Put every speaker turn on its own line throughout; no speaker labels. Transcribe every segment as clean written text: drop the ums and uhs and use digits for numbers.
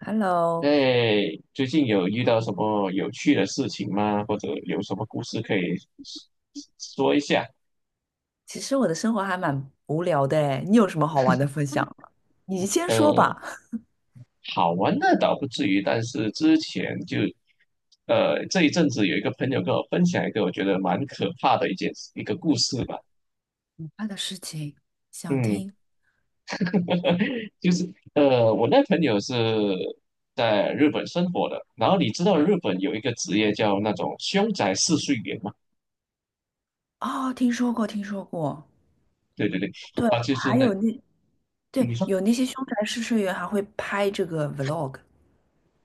Hello,
哎，最近有遇到什么有趣的事情吗？或者有什么故事可以说一下？
其实我的生活还蛮无聊的诶，你有什么好玩的分享吗？你先说
呃，
吧。
好玩的倒不至于，但是之前就，这一阵子有一个朋友跟我分享一个我觉得蛮可怕的一个故事吧。
他的事情想
嗯，
听，
就是我那朋友是在日本生活的，然后你知道日本有一个职业叫那种凶宅试睡员嘛？
哦，听说过，听说过。
对对对，
对，
他就是
还
那。
有那，对，
你说。
有那些凶宅试睡员还会拍这个 vlog。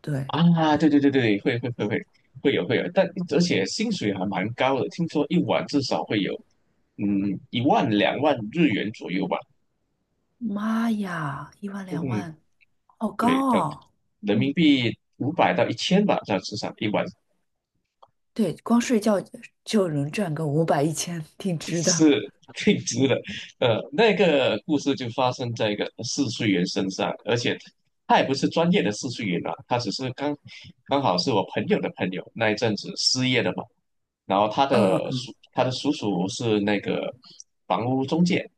对，
啊，对对对对，会有，但而且薪水还蛮高的，听说一晚至少会有1万2万日元左右吧。
妈呀，一万两
嗯，
万，好高
对，这样
哦。
人
嗯，
民币500到1000吧，这样至少一晚。
对，光睡觉就能赚个五百一千，一千挺 值的。
是挺直的。那个故事就发生在一个试睡员身上，而且他也不是专业的试睡员啊，他只是刚刚好是我朋友的朋友，那一阵子失业了嘛。然后
嗯，
他的叔叔是那个房屋中介，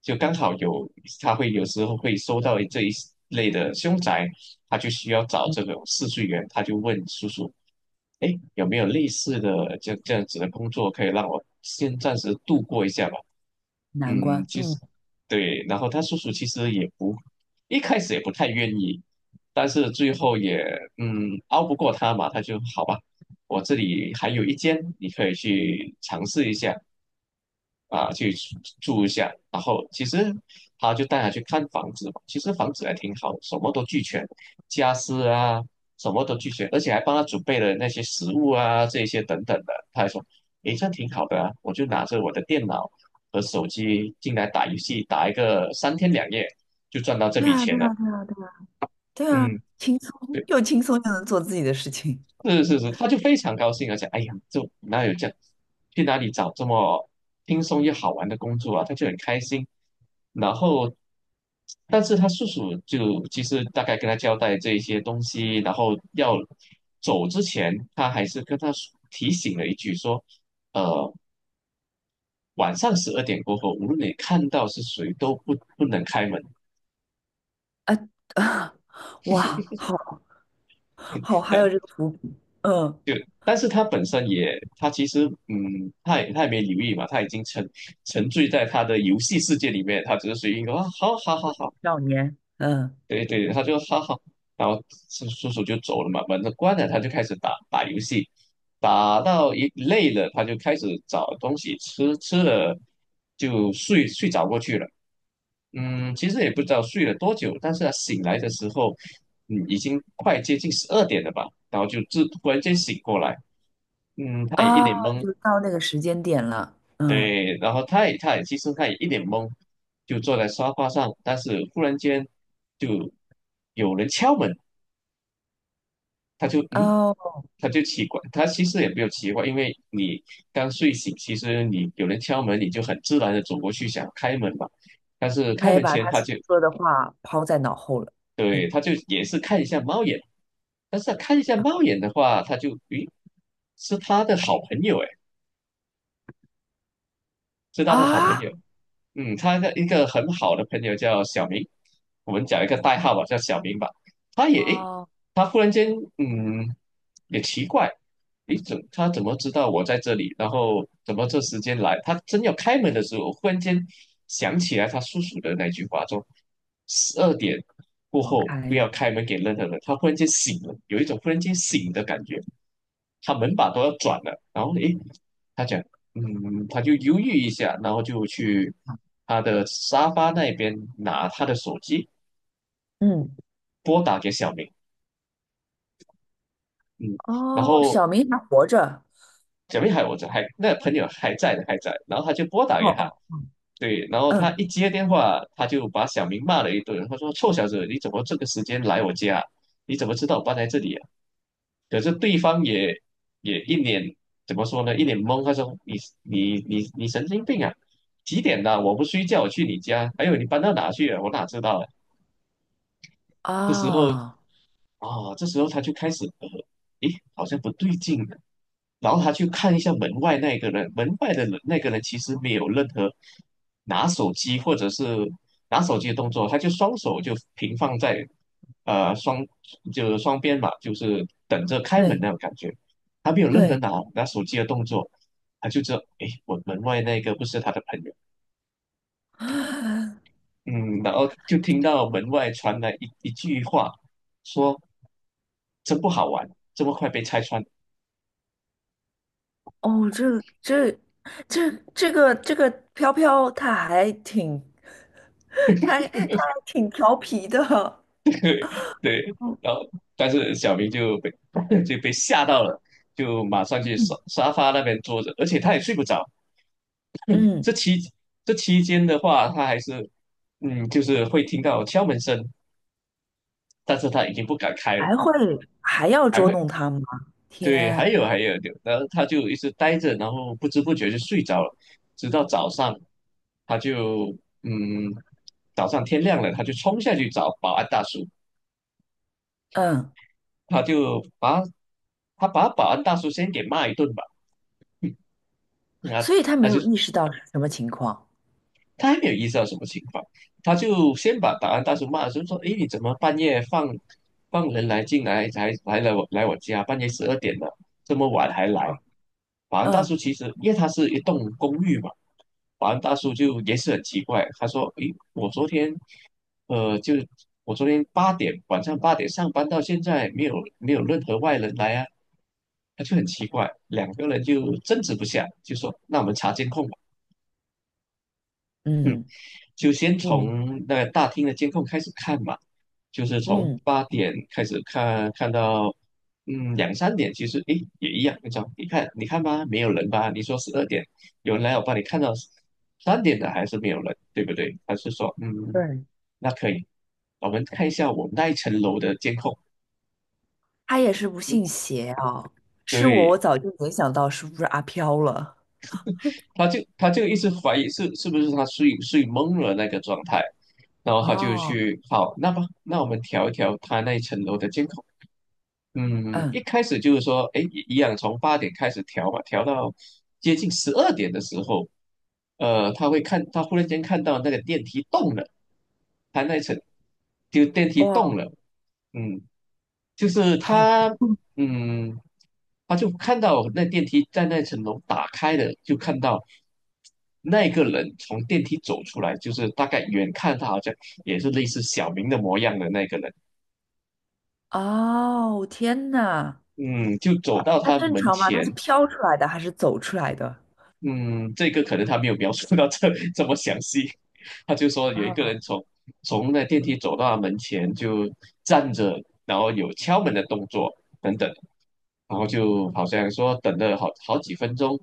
就刚好有他会有时候会收到这一类的凶宅，他就需要找
嗯
这种试睡员，他就问叔叔，哎，有没有类似的这样子的工作可以让我先暂时度过一下吧？
难
嗯，
关。
其
嗯，
实对，然后他叔叔其实也不一开始也不太愿意，但是最后也拗不过他嘛，他就好吧，我这里还有一间，你可以去尝试一下啊，去住住一下。然后其实他就带他去看房子嘛，其实房子还挺好，什么都俱全，家私啊什么都俱全，而且还帮他准备了那些食物啊这些等等的。他还说，诶，这样挺好的啊，我就拿着我的电脑和手机进来打游戏，打一个三天两夜就赚到这
对
笔
啊，
钱
对
了。
啊，对啊，对啊。对啊，
嗯，
轻松
对，
又轻松又能做自己的事情，
是是是，他就非常高兴啊，而且哎呀，就哪有这样，去哪里找这么轻松又好玩的工作啊？他就很开心。然后，但是他叔叔就其实大概跟他交代这一些东西，然后要走之前，他还是跟他提醒了一句说，呃，晚上十二点过后，无论你看到是谁，都不能开门。
啊啊，哇，好好，还
的。
有这个伏笔，嗯，
但是他本身也，他其实，嗯，他也没留意嘛，他已经沉醉在他的游戏世界里面，他只是随意一个啊，好好好好，
少年，嗯
对对，他就好好，然后叔叔就走了嘛，门都关了，他就开始打打游戏，打到一累了，他就开始找东西吃，吃了就睡着过去了。嗯，其实也不知道睡了多久，但是他醒来的时候，嗯，已经快接近十二点了吧，然后就突然间醒过来，嗯，他也一
啊，
脸懵，
就到那个时间点了，嗯
对，然后他也一脸懵，就坐在沙发上，但是忽然间就有人敲门，他就嗯，
哦，
他就奇怪，他其实也没有奇怪，因为你刚睡醒，其实你有人敲门，你就很自然的走过去想开门嘛，但是
他
开
也
门
把
前
他
他
叔
就
叔说的话抛在脑后了，
对，
嗯
他就也是看一下猫眼，但是他看一下猫眼的话，他就咦，是他的好朋友哎，是他的好朋友。
啊
嗯，他的一个很好的朋友叫小明，我们讲一个代号吧，叫小明吧。他也，诶，
哦，
他忽然间，嗯，也奇怪，诶，他怎么知道我在这里？然后怎么这时间来？他真要开门的时候，忽然间想起来他叔叔的那句话，说十二点过
好
后
开
不
嘛，
要开门给任何人。他忽然间醒了，有一种忽然间醒的感觉。他门把都要转了，然后诶，他讲，嗯，他就犹豫一下，然后就去他的沙发那边拿他的手机
嗯
拨打给小明，嗯，然
哦，
后
小明还活着，
小明还我这还那朋友还在的还在，然后他就拨打
哦
给他，
哦，
对，然后他
嗯
一接电话，他就把小明骂了一顿，他说臭小子，你怎么这个时间来我家？你怎么知道我搬来这里啊？可是对方也也一脸怎么说呢？一脸懵，他说："你神经病啊！几点了？我不睡觉，我去你家。还有你搬到哪去了？我哪知道啊？"这时候
啊，
这时候他就开始诶，好像不对劲，然后他去看一下门外那个人，门外的人那个人其实没有任何拿手机或者是拿手机的动作，他就双手就平放在呃双就是双边嘛，就是等着开门
对
那种感觉，他没有任何
对。
拿手机的动作，他就知道诶，我门外那个不是他的朋友，嗯，然后就听到门外传来一句话，说真不好玩，这么快被拆穿。
哦，这个飘飘，他还挺 他还挺调皮的。
对，
哦
然后但是小明就被 就被吓到了，就马上去沙
嗯，
沙发那边坐着，而且他也睡不着。这
嗯，
期这期间的话，他还是嗯，就是会听到敲门声，但是他已经不敢开了，
还会还要
还
捉
会
弄他吗？
对，还
天，
有还有，然后他就一直呆着，然后不知不觉就睡着了，直到早上，他就嗯，早上天亮了，他就冲下去找保安大叔，
嗯，
他就把他把保安大叔先给骂一顿吧。那
所以他
他
没
就
有意识到是什么情况。
他还没有意识到什么情况，他就先把保安大叔骂了，就说："诶，你怎么半夜放人来进来，才来了我来我家，半夜12点了，这么晚还来？"
哦
保安大
嗯
叔其实因为他是一栋公寓嘛，保安大叔就也是很奇怪，他说："诶，我昨天呃，就我昨天八点晚上八点上班到现在，没有没有任何外人来啊。"他就很奇怪，两个人就争执不下，就说："那我们查监控吧。"嗯，
嗯
就先
嗯
从那个大厅的监控开始看嘛，就是从
嗯，
八点开始看，看到2、3点，其实诶也一样那种。你看，你看吧，没有人吧？你说十二点有人来，我帮你看到三点的还是没有人，对不对？还是说嗯
对，
那可以，我们看一下我们那一层楼的监控。
他也是不信邪啊。是我，我
对，
早就联想到是不是阿飘了。
他就一直怀疑是不是他睡懵了那个状态，然后他就
哦，
去好，那么那我们调一调他那一层楼的监控。嗯，一
嗯，
开始就是说，哎，一样从八点开始调吧，调到接近十二点的时候，他会看，他忽然间看到那个电梯动了，他那一层就电梯动
哇，
了，嗯，就是
哦，
他，嗯，他就看到那电梯在那层楼打开的，就看到那个人从电梯走出来，就是大概远看他好像也是类似小明的模样的那个人，
哦，天哪！
嗯，就走到
它
他
正
门
常吗？它
前，
是飘出来的还是走出来的？
嗯，这个可能他没有描述到这 这么详细，他就说有一个
哦，
人从从那电梯走到他门前就站着，然后有敲门的动作等等。然后就好像说等了好几分钟，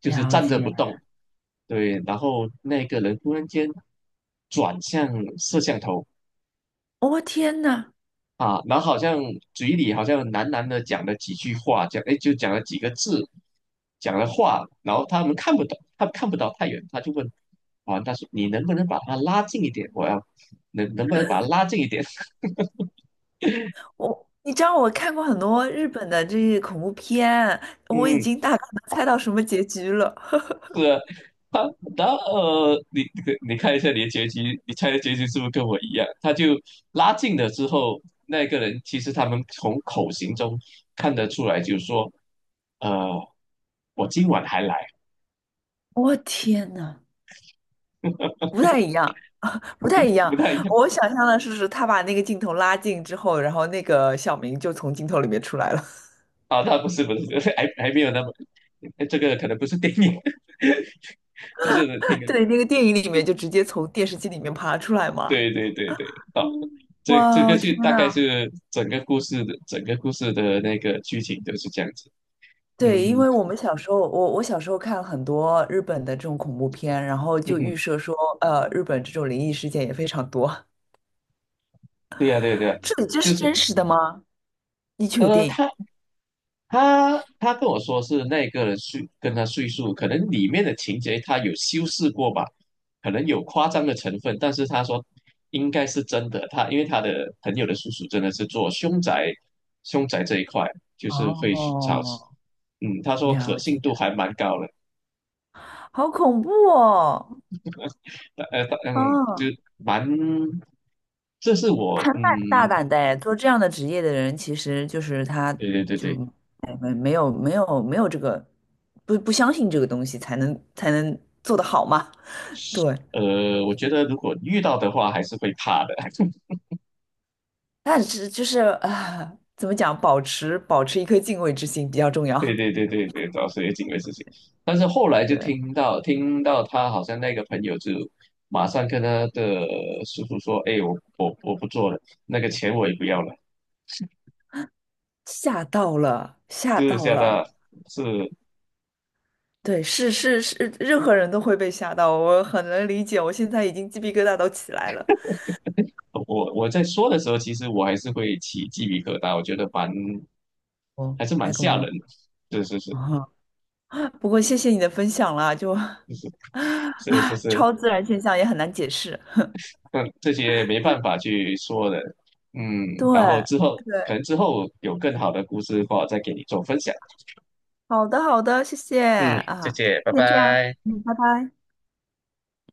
就是
了
站着不
解。
动。对，然后那个人突然间转向摄像头
我天呐，
啊，然后好像嘴里好像喃喃的讲了几句话，讲哎就讲了几个字，讲了话，然后他们看不懂，他看不到太远，他就问啊，他说你能不能把他拉近一点？我要能不能把他拉近一点？
我你知道我看过很多日本的这些恐怖片，我已
嗯，
经大概能猜到什么结局了。
是啊 他然后你你看一下你的结局，你猜的结局是不是跟我一样？他就拉近了之后，那个人其实他们从口型中看得出来，就是说，呃，我今晚还来，
我、天呐，不太一样，不太
嗯，
一样。
不太一样
我想象的是，是他把那个镜头拉近之后，然后那个小明就从镜头里面出来了。
啊，他不是不是，还还没有那么，哎这个可能不是电影，就是能听，
对，那个电影里面就直接从电视机里面爬出来嘛。
对对对对，啊，哦
嗯
这这个
哇，
就
天
大概
呐！
是整个故事的那个剧情都是这样子，
对，因
嗯
为我们小时候，我小时候看很多日本的这种恐怖片，然后
嗯
就
哼，
预设说，日本这种灵异事件也非常多。
对呀、对呀、对呀、
这里这是真实的吗？你确
呃，
定？
他他跟我说是那个人跟他叙述，可能里面的情节他有修饰过吧，可能有夸张的成分，但是他说应该是真的。他因为他的朋友的叔叔真的是做凶宅，凶宅这一块就是会去找，
哦，
嗯，他说可
了
信
解，
度还蛮高的，
好恐怖哦！
就
嗯，
蛮，这是我，
大
嗯，
胆的哎，做这样的职业的人，其实就是他
对对对
就
对，
哎没有这个不相信这个东西，才能做得好嘛。对，
我觉得如果遇到的话还是会怕的。
但是就是啊，怎么讲，保持一颗敬畏之心比较重
对
要。
对对对对，找水警卫事情。但是后来就
对，
听到听到他好像那个朋友就马上跟他的叔叔说："哎，我不做了，那个钱我也不要了。"
吓到了，吓
就是
到
吓
了。
到，是
对，是是是，任何人都会被吓到，我很能理解。我现在已经鸡皮疙瘩都起来了。
我我在说的时候，其实我还是会起鸡皮疙瘩，我觉得蛮
哦，
还是蛮
太恐
吓人
怖
的。是是是
啊！不过谢谢你的分享啦，就
是是
啊，
是，
超自然现象也很难解释。
但这些没办法去说的。嗯，
对
然后之后可
对，
能之后有更好的故事的话，再给你做分享。
好的好的，谢谢
嗯，谢
啊，
谢，拜
那这样，
拜。
嗯，拜拜。